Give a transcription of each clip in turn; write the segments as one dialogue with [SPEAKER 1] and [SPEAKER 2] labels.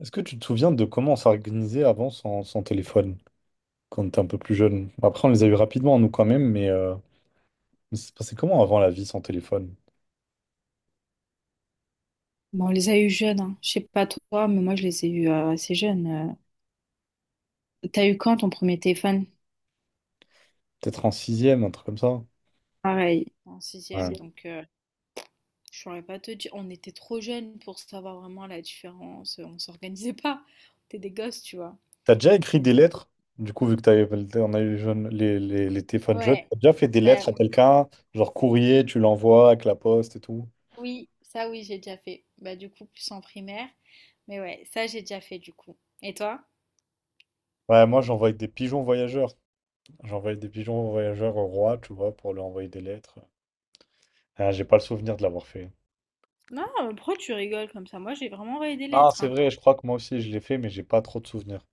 [SPEAKER 1] Est-ce que tu te souviens de comment on s'organisait avant sans téléphone, quand on était un peu plus jeune? Bon, après, on les a eu rapidement, nous, quand même, mais ça se passait comment avant la vie sans téléphone?
[SPEAKER 2] Bon, on les a eu jeunes, hein. Je sais pas toi, mais moi je les ai eu assez jeunes. T'as eu quand ton premier téléphone?
[SPEAKER 1] Peut-être en sixième, un truc comme ça.
[SPEAKER 2] Pareil, en
[SPEAKER 1] Ouais.
[SPEAKER 2] sixième,
[SPEAKER 1] Si.
[SPEAKER 2] donc je saurais pas te dire. On était trop jeunes pour savoir vraiment la différence. On s'organisait pas. On était des gosses, tu vois.
[SPEAKER 1] T'as déjà écrit
[SPEAKER 2] On
[SPEAKER 1] des
[SPEAKER 2] était des-
[SPEAKER 1] lettres? Du coup, vu que t'avais, on a eu les téléphones jeunes,
[SPEAKER 2] Ouais,
[SPEAKER 1] t'as déjà fait des
[SPEAKER 2] bah
[SPEAKER 1] lettres à quelqu'un, genre courrier, tu l'envoies avec la poste et tout?
[SPEAKER 2] oui, ça oui, j'ai déjà fait. Bah du coup, plus en primaire. Mais ouais, ça j'ai déjà fait du coup. Et toi?
[SPEAKER 1] Ouais, moi, j'envoyais des pigeons voyageurs. J'envoyais des pigeons voyageurs au roi, tu vois, pour lui envoyer des lettres. Ah, j'ai pas le souvenir de l'avoir fait.
[SPEAKER 2] Non, mais pourquoi tu rigoles comme ça? Moi, j'ai vraiment envoyé des
[SPEAKER 1] Non,
[SPEAKER 2] lettres,
[SPEAKER 1] c'est
[SPEAKER 2] hein.
[SPEAKER 1] vrai, je crois que moi aussi, je l'ai fait, mais j'ai pas trop de souvenirs.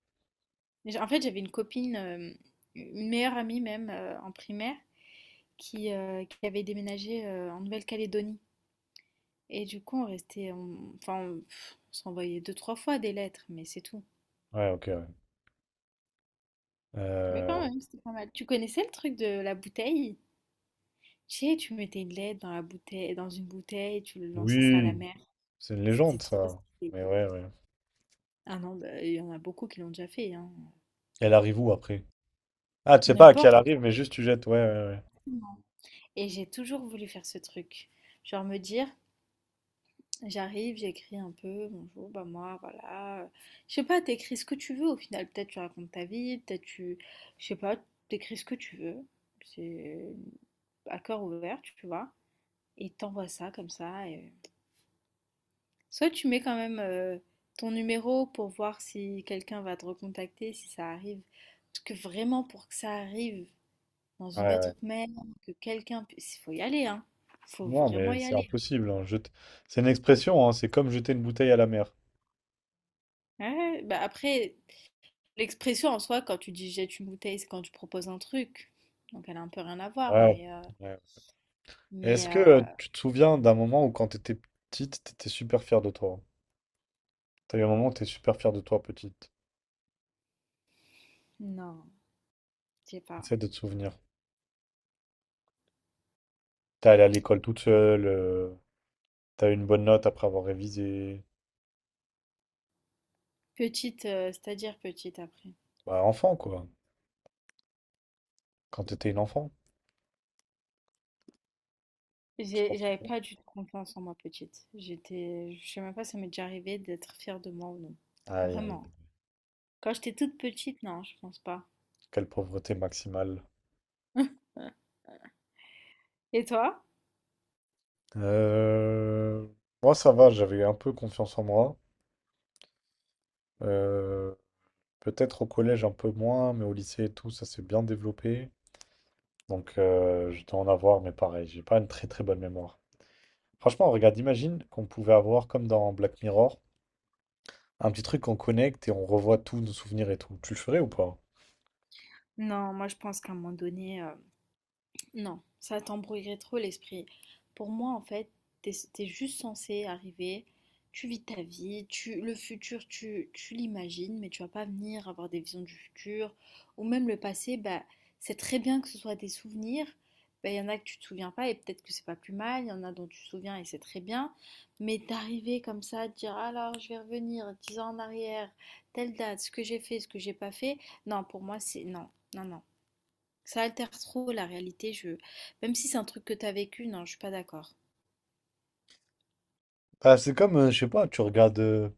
[SPEAKER 2] En fait, j'avais une copine, une meilleure amie même en primaire. Qui avait déménagé en Nouvelle-Calédonie. Et du coup, on restait, on- enfin, on, pff, on s'envoyait deux, trois fois des lettres, mais c'est tout.
[SPEAKER 1] Ouais, ok, ouais.
[SPEAKER 2] Mais quand
[SPEAKER 1] Euh,
[SPEAKER 2] même, c'était pas mal. Tu connaissais le truc de la bouteille? Tu sais, tu mettais une lettre dans la bouteille, dans une bouteille, tu le lançais ça à la
[SPEAKER 1] oui,
[SPEAKER 2] mer.
[SPEAKER 1] c'est une
[SPEAKER 2] C'était
[SPEAKER 1] légende,
[SPEAKER 2] trop
[SPEAKER 1] ça.
[SPEAKER 2] stylé.
[SPEAKER 1] Mais ouais, ouais.
[SPEAKER 2] Ah non, bah, il y en a beaucoup qui l'ont déjà fait, hein.
[SPEAKER 1] Elle arrive où après? Ah, tu sais pas à qui elle
[SPEAKER 2] N'importe.
[SPEAKER 1] arrive, mais juste tu jettes. Ouais, ouais, ouais.
[SPEAKER 2] Et j'ai toujours voulu faire ce truc. Genre me dire, j'arrive, j'écris un peu, bonjour, bah moi, voilà. Je sais pas, t'écris ce que tu veux au final. Peut-être tu racontes ta vie, peut-être tu. Je sais pas, t'écris ce que tu veux. C'est à cœur ouvert, tu vois. Et t'envoies ça comme ça. Soit tu mets quand même ton numéro pour voir si quelqu'un va te recontacter, si ça arrive. Parce que vraiment, pour que ça arrive dans une
[SPEAKER 1] Ouais, ouais.
[SPEAKER 2] autre mail, que quelqu'un puisse. Il faut y aller, hein. Faut
[SPEAKER 1] Non,
[SPEAKER 2] vraiment
[SPEAKER 1] mais
[SPEAKER 2] y
[SPEAKER 1] c'est
[SPEAKER 2] aller, hein.
[SPEAKER 1] impossible. Hein. C'est une expression, hein, c'est comme jeter une bouteille à la mer.
[SPEAKER 2] Ouais, bah après. L'expression en soi, quand tu dis: «Jette une bouteille», c'est quand tu proposes un truc, donc elle a un peu rien à voir,
[SPEAKER 1] Ouais. Ouais. Est-ce
[SPEAKER 2] mais
[SPEAKER 1] que
[SPEAKER 2] heu,
[SPEAKER 1] tu te souviens d'un moment où quand t'étais petite, t'étais super fière de toi? T'as eu un moment où t'es super fière de toi, petite.
[SPEAKER 2] non, je sais pas.
[SPEAKER 1] Essaie de te souvenir. T'es allée à l'école toute seule, t'as eu une bonne note après avoir révisé.
[SPEAKER 2] Petite, c'est-à-dire petite après?
[SPEAKER 1] Bah, enfant, quoi. Quand t'étais une enfant, tu t'en
[SPEAKER 2] J'avais
[SPEAKER 1] souviens?
[SPEAKER 2] pas du tout confiance en moi petite. J'étais je sais même pas si ça m'est déjà arrivé d'être fière de moi ou non.
[SPEAKER 1] Aïe, aïe,
[SPEAKER 2] Vraiment. Quand j'étais toute petite, non, je pense pas.
[SPEAKER 1] quelle pauvreté maximale.
[SPEAKER 2] Et toi?
[SPEAKER 1] Euh, Moi, ça va, j'avais un peu confiance en moi. Euh, Peut-être au collège un peu moins, mais au lycée et tout, ça s'est bien développé. Donc, je dois en avoir, mais pareil, j'ai pas une très très bonne mémoire. Franchement, regarde, imagine qu'on pouvait avoir, comme dans Black Mirror, un petit truc qu'on connecte et on revoit tous nos souvenirs et tout. Tu le ferais ou pas?
[SPEAKER 2] Non, moi je pense qu'à un moment donné, non, ça t'embrouillerait trop l'esprit. Pour moi, en fait, t'es juste censé arriver, tu vis ta vie, le futur, tu l'imagines, mais tu vas pas venir avoir des visions du futur. Ou même le passé, bah, c'est très bien que ce soit des souvenirs. Bah, y en a que tu te souviens pas et peut-être que c'est pas plus mal, il y en a dont tu te souviens et c'est très bien. Mais d'arriver comme ça, de dire alors je vais revenir 10 ans en arrière, telle date, ce que j'ai fait, ce que j'ai pas fait, non, pour moi c'est non, non, non. Ça altère trop la réalité, je... Même si c'est un truc que t'as vécu, non, je suis pas d'accord.
[SPEAKER 1] Ah, c'est comme, je sais pas, tu regardes,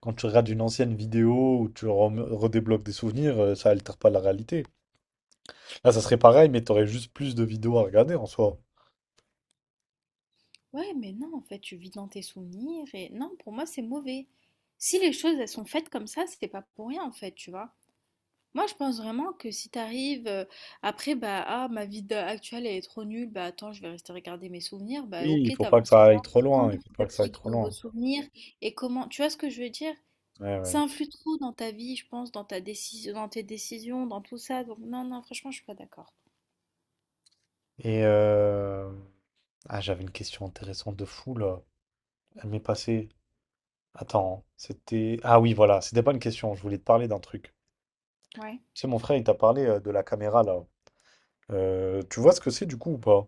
[SPEAKER 1] quand tu regardes une ancienne vidéo ou tu redébloques des souvenirs, ça altère pas la réalité. Là, ça serait pareil, mais t'aurais juste plus de vidéos à regarder en soi.
[SPEAKER 2] Ouais, mais non, en fait, tu vis dans tes souvenirs et non, pour moi, c'est mauvais. Si les choses, elles sont faites comme ça, c'est pas pour rien, en fait, tu vois. Moi, je pense vraiment que si t'arrives après, bah, ah, ma vie actuelle, elle est trop nulle, bah, attends, je vais rester regarder mes souvenirs, bah,
[SPEAKER 1] Oui,
[SPEAKER 2] ok,
[SPEAKER 1] il faut pas que
[SPEAKER 2] t'avances
[SPEAKER 1] ça
[SPEAKER 2] comment?
[SPEAKER 1] aille trop
[SPEAKER 2] Comment
[SPEAKER 1] loin. Il faut
[SPEAKER 2] tu
[SPEAKER 1] pas que
[SPEAKER 2] te
[SPEAKER 1] ça aille
[SPEAKER 2] crées
[SPEAKER 1] trop
[SPEAKER 2] de nouveaux
[SPEAKER 1] loin.
[SPEAKER 2] souvenirs et comment, tu vois ce que je veux dire?
[SPEAKER 1] Ouais, ouais.
[SPEAKER 2] Ça influe trop dans ta vie, je pense, dans ta décision, dans tes décisions, dans tout ça. Donc, non, non, franchement, je suis pas d'accord.
[SPEAKER 1] Et ah, j'avais une question intéressante de fou là. Elle m'est passée. Attends, c'était. Ah oui, voilà, c'était pas une question. Je voulais te parler d'un truc.
[SPEAKER 2] Ouais.
[SPEAKER 1] Tu sais, mon frère, il t'a parlé de la caméra là. Tu vois ce que c'est du coup ou pas?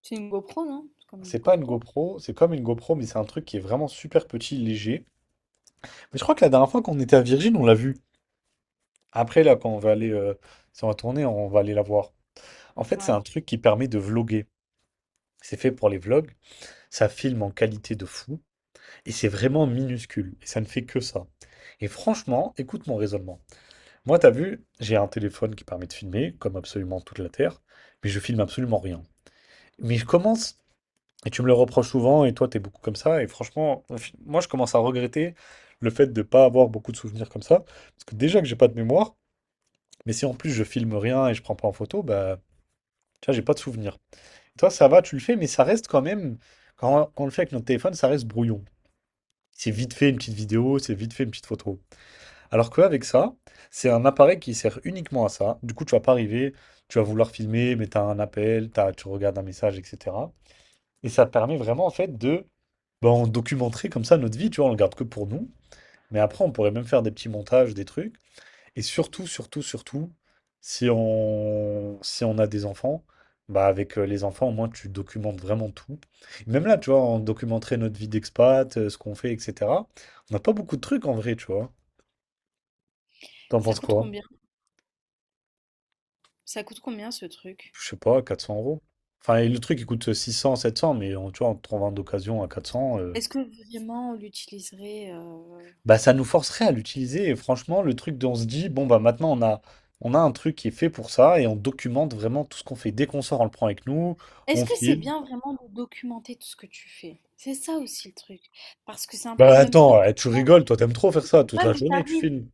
[SPEAKER 2] C'est une GoPro, non? C'est comme une
[SPEAKER 1] C'est pas une
[SPEAKER 2] GoPro.
[SPEAKER 1] GoPro, c'est comme une GoPro, mais c'est un truc qui est vraiment super petit, léger. Mais je crois que la dernière fois qu'on était à Virgin, on l'a vu. Après, là, quand on va aller, si on va tourner, on va aller la voir. En fait, c'est
[SPEAKER 2] Ouais.
[SPEAKER 1] un truc qui permet de vloguer. C'est fait pour les vlogs, ça filme en qualité de fou, et c'est vraiment minuscule, et ça ne fait que ça. Et franchement, écoute mon raisonnement. Moi, t'as vu, j'ai un téléphone qui permet de filmer, comme absolument toute la Terre, mais je filme absolument rien. Mais je commence, et tu me le reproches souvent, et toi, t'es beaucoup comme ça, et franchement, moi, je commence à regretter le fait de ne pas avoir beaucoup de souvenirs comme ça, parce que déjà que j'ai pas de mémoire, mais si en plus je filme rien et je prends pas en photo, bah, tu vois, j'ai pas de souvenirs. Toi, ça va, tu le fais, mais ça reste quand même, quand, on le fait avec notre téléphone, ça reste brouillon. C'est vite fait une petite vidéo, c'est vite fait une petite photo. Alors qu'avec ça, c'est un appareil qui sert uniquement à ça. Du coup, tu vas pas arriver, tu vas vouloir filmer, mais tu as un appel, tu regardes un message, etc. Et ça permet vraiment, en fait, de ben, on documenterait comme ça notre vie, tu vois, on le garde que pour nous. Mais après, on pourrait même faire des petits montages, des trucs. Et surtout, surtout, surtout, si on, si on a des enfants, bah avec les enfants, au moins, tu documentes vraiment tout. Même là, tu vois, on documenterait notre vie d'expat, ce qu'on fait, etc. On n'a pas beaucoup de trucs en vrai, tu vois. T'en
[SPEAKER 2] Ça
[SPEAKER 1] penses
[SPEAKER 2] coûte
[SPEAKER 1] quoi?
[SPEAKER 2] combien? Ça coûte combien ce truc?
[SPEAKER 1] Je sais pas, 400 euros. Enfin, et le truc, il coûte 600, 700 mais on, tu vois, en trouvant d'occasion à 400,
[SPEAKER 2] Est-ce que vraiment on l'utiliserait
[SPEAKER 1] bah ça nous forcerait à l'utiliser. Et franchement, le truc dont on se dit, bon, bah maintenant, on a un truc qui est fait pour ça et on documente vraiment tout ce qu'on fait. Dès qu'on sort, on le prend avec nous,
[SPEAKER 2] Est-ce
[SPEAKER 1] on
[SPEAKER 2] que c'est
[SPEAKER 1] file.
[SPEAKER 2] bien vraiment de documenter tout ce que tu fais? C'est ça aussi le truc. Parce que c'est un peu
[SPEAKER 1] Bah
[SPEAKER 2] le même
[SPEAKER 1] attends,
[SPEAKER 2] truc que...
[SPEAKER 1] eh, tu rigoles, toi t'aimes trop faire ça, toute
[SPEAKER 2] Ah,
[SPEAKER 1] la
[SPEAKER 2] mais
[SPEAKER 1] journée tu
[SPEAKER 2] t'arrives.
[SPEAKER 1] filmes.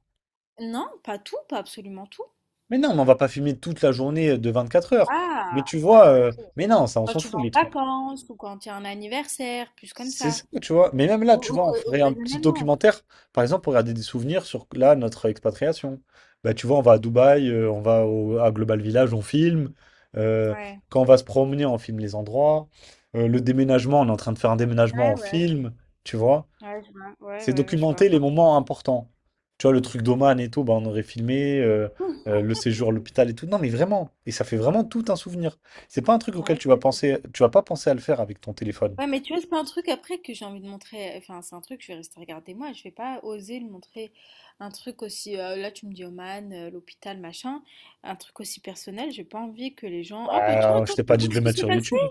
[SPEAKER 2] Non, pas tout, pas absolument tout.
[SPEAKER 1] Mais non, mais on va pas filmer toute la journée de 24 heures. Mais
[SPEAKER 2] Ah,
[SPEAKER 1] tu vois,
[SPEAKER 2] voilà, ok.
[SPEAKER 1] mais non, ça on
[SPEAKER 2] Quand
[SPEAKER 1] s'en
[SPEAKER 2] tu
[SPEAKER 1] fout
[SPEAKER 2] vas
[SPEAKER 1] les
[SPEAKER 2] en
[SPEAKER 1] trucs.
[SPEAKER 2] vacances ou quand il y a un anniversaire, plus comme
[SPEAKER 1] C'est
[SPEAKER 2] ça.
[SPEAKER 1] ça, tu vois. Mais même là,
[SPEAKER 2] Ou
[SPEAKER 1] tu vois, on ferait un petit
[SPEAKER 2] occasionnellement.
[SPEAKER 1] documentaire, par exemple, pour regarder des souvenirs sur là, notre expatriation. Bah tu vois, on va à Dubaï, on va à Global Village, on filme. Euh,
[SPEAKER 2] Ouais,
[SPEAKER 1] Quand on va se promener, on filme les endroits. Le déménagement, on est en train de faire un déménagement,
[SPEAKER 2] ouais,
[SPEAKER 1] on
[SPEAKER 2] ouais.
[SPEAKER 1] filme, tu vois.
[SPEAKER 2] Ouais, je vois, ouais,
[SPEAKER 1] C'est
[SPEAKER 2] ouais, ouais, je vois.
[SPEAKER 1] documenter les moments importants. Tu vois, le truc d'Oman et tout, bah, on aurait filmé
[SPEAKER 2] Hum.
[SPEAKER 1] le séjour à l'hôpital et tout. Non, mais vraiment. Et ça fait vraiment tout un souvenir. C'est pas un truc auquel
[SPEAKER 2] Ouais,
[SPEAKER 1] tu vas penser, tu vas pas penser à le faire avec ton téléphone.
[SPEAKER 2] ouais, mais tu vois, c'est pas un truc après que j'ai envie de montrer. Enfin, c'est un truc, je vais rester regarder moi. Je vais pas oser le montrer. Un truc aussi, là, tu me dis Oman, l'hôpital, machin. Un truc aussi personnel. J'ai pas envie que les gens. Oh, bah, tiens,
[SPEAKER 1] Bah, je
[SPEAKER 2] attends,
[SPEAKER 1] t'ai
[SPEAKER 2] tu
[SPEAKER 1] pas dit
[SPEAKER 2] vois
[SPEAKER 1] de le
[SPEAKER 2] ce qui
[SPEAKER 1] mettre
[SPEAKER 2] s'est
[SPEAKER 1] sur
[SPEAKER 2] passé?
[SPEAKER 1] YouTube.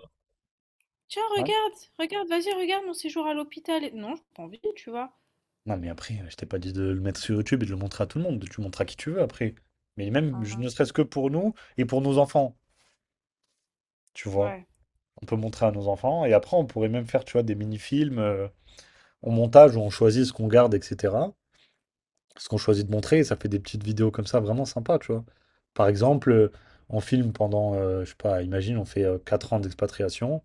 [SPEAKER 2] Tiens,
[SPEAKER 1] Hein. Ouais.
[SPEAKER 2] regarde, regarde, vas-y, regarde mon séjour à l'hôpital. Non, j'ai pas envie, tu vois.
[SPEAKER 1] Non, mais après, je t'ai pas dit de le mettre sur YouTube et de le montrer à tout le monde. Tu le montres à qui tu veux après. Mais même, je-
[SPEAKER 2] Ah,
[SPEAKER 1] ne serait-ce que pour nous et pour nos enfants, tu vois.
[SPEAKER 2] ouais.
[SPEAKER 1] On peut montrer à nos enfants et après, on pourrait même faire, tu vois, des mini-films en montage où on choisit ce qu'on garde, etc. ce qu'on choisit de montrer, et ça fait des petites vidéos comme ça vraiment sympa, tu vois. Par exemple, on filme pendant, je sais pas, imagine, on fait 4 ans d'expatriation,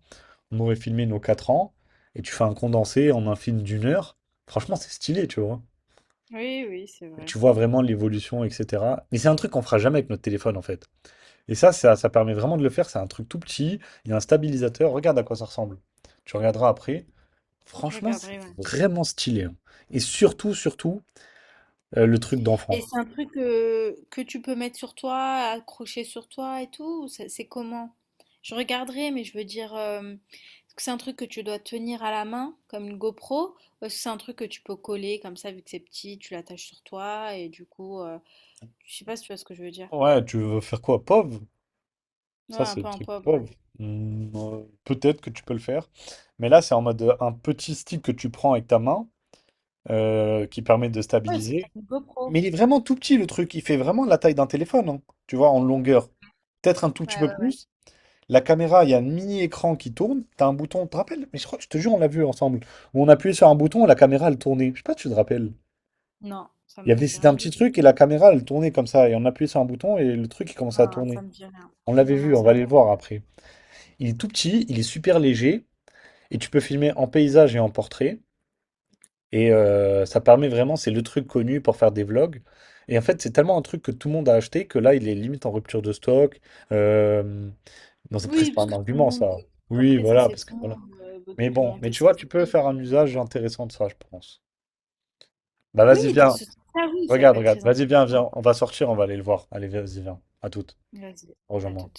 [SPEAKER 1] on aurait filmé nos 4 ans, et tu fais un condensé en un film d'1 heure, franchement, c'est stylé, tu vois.
[SPEAKER 2] Oui, oui, c'est
[SPEAKER 1] Et
[SPEAKER 2] vrai.
[SPEAKER 1] tu vois vraiment l'évolution, etc. Mais c'est un truc qu'on fera jamais avec notre téléphone, en fait. Et ça permet vraiment de le faire, c'est un truc tout petit, il y a un stabilisateur, regarde à quoi ça ressemble. Tu regarderas après.
[SPEAKER 2] Je
[SPEAKER 1] Franchement, c'est
[SPEAKER 2] regarderai, ouais.
[SPEAKER 1] vraiment stylé. Hein. Et surtout, surtout, le truc
[SPEAKER 2] Et
[SPEAKER 1] d'enfant.
[SPEAKER 2] c'est un truc que tu peux mettre sur toi, accrocher sur toi et tout, ou c'est comment? Je regarderai, mais je veux dire, est-ce que c'est un truc que tu dois tenir à la main, comme une GoPro, ou est-ce que c'est un truc que tu peux coller comme ça, vu que c'est petit, tu l'attaches sur toi, et du coup, je sais pas si tu vois ce que je veux dire.
[SPEAKER 1] Ouais, tu veux faire quoi? POV?
[SPEAKER 2] Ouais,
[SPEAKER 1] Ça,
[SPEAKER 2] un
[SPEAKER 1] c'est
[SPEAKER 2] peu
[SPEAKER 1] le
[SPEAKER 2] un
[SPEAKER 1] truc
[SPEAKER 2] pauvre, ouais.
[SPEAKER 1] POV. Hmm, peut-être que tu peux le faire. Mais là, c'est en mode un petit stick que tu prends avec ta main qui permet de
[SPEAKER 2] Ouais, c'est comme
[SPEAKER 1] stabiliser.
[SPEAKER 2] une GoPro.
[SPEAKER 1] Mais il est vraiment tout petit, le truc. Il fait vraiment la taille d'un téléphone, hein, tu vois, en longueur. Peut-être un tout petit
[SPEAKER 2] Ouais,
[SPEAKER 1] peu
[SPEAKER 2] ouais, ouais.
[SPEAKER 1] plus. La caméra, il y a un mini-écran qui tourne. T'as un bouton, tu te rappelles? Mais je crois que je te jure, on l'a vu ensemble. Où on appuyait sur un bouton et la caméra, elle tournait. Je sais pas si tu te rappelles.
[SPEAKER 2] Non, ça
[SPEAKER 1] Il y
[SPEAKER 2] me
[SPEAKER 1] avait,
[SPEAKER 2] dit
[SPEAKER 1] c'était
[SPEAKER 2] rien
[SPEAKER 1] un
[SPEAKER 2] du
[SPEAKER 1] petit
[SPEAKER 2] tout.
[SPEAKER 1] truc et la caméra, elle tournait comme ça. Et on appuyait sur un bouton et le truc, il commençait à
[SPEAKER 2] Non, ça
[SPEAKER 1] tourner.
[SPEAKER 2] me dit rien.
[SPEAKER 1] On l'avait
[SPEAKER 2] Non, non,
[SPEAKER 1] vu, on
[SPEAKER 2] ça
[SPEAKER 1] va
[SPEAKER 2] me
[SPEAKER 1] aller
[SPEAKER 2] dit
[SPEAKER 1] le
[SPEAKER 2] rien.
[SPEAKER 1] voir après. Il est tout petit, il est super léger, et tu peux filmer en paysage et en portrait. Et ça permet vraiment, c'est le truc connu pour faire des vlogs. Et en fait, c'est tellement un truc que tout le monde a acheté que là, il est limite en rupture de stock. Euh, Dans un
[SPEAKER 2] Oui,
[SPEAKER 1] presque pas
[SPEAKER 2] parce
[SPEAKER 1] un
[SPEAKER 2] que tout le
[SPEAKER 1] argument,
[SPEAKER 2] monde
[SPEAKER 1] ça. Oui,
[SPEAKER 2] après, ça,
[SPEAKER 1] voilà,
[SPEAKER 2] c'est
[SPEAKER 1] parce
[SPEAKER 2] tout
[SPEAKER 1] que
[SPEAKER 2] le
[SPEAKER 1] voilà.
[SPEAKER 2] monde veut
[SPEAKER 1] Mais bon, mais
[SPEAKER 2] documenter
[SPEAKER 1] tu
[SPEAKER 2] sa
[SPEAKER 1] vois, tu peux
[SPEAKER 2] vie.
[SPEAKER 1] faire un
[SPEAKER 2] Tout le monde,
[SPEAKER 1] usage intéressant de ça, je pense. Bah vas-y,
[SPEAKER 2] oui, dans
[SPEAKER 1] viens.
[SPEAKER 2] ce sens-là, oui, ça peut
[SPEAKER 1] Regarde,
[SPEAKER 2] être
[SPEAKER 1] regarde.
[SPEAKER 2] très
[SPEAKER 1] Vas-y,
[SPEAKER 2] intéressant.
[SPEAKER 1] viens, viens. On va sortir, on va aller le voir. Allez, vas-y, viens. À toutes.
[SPEAKER 2] Vas-y, à
[SPEAKER 1] Rejoins-moi.
[SPEAKER 2] tout.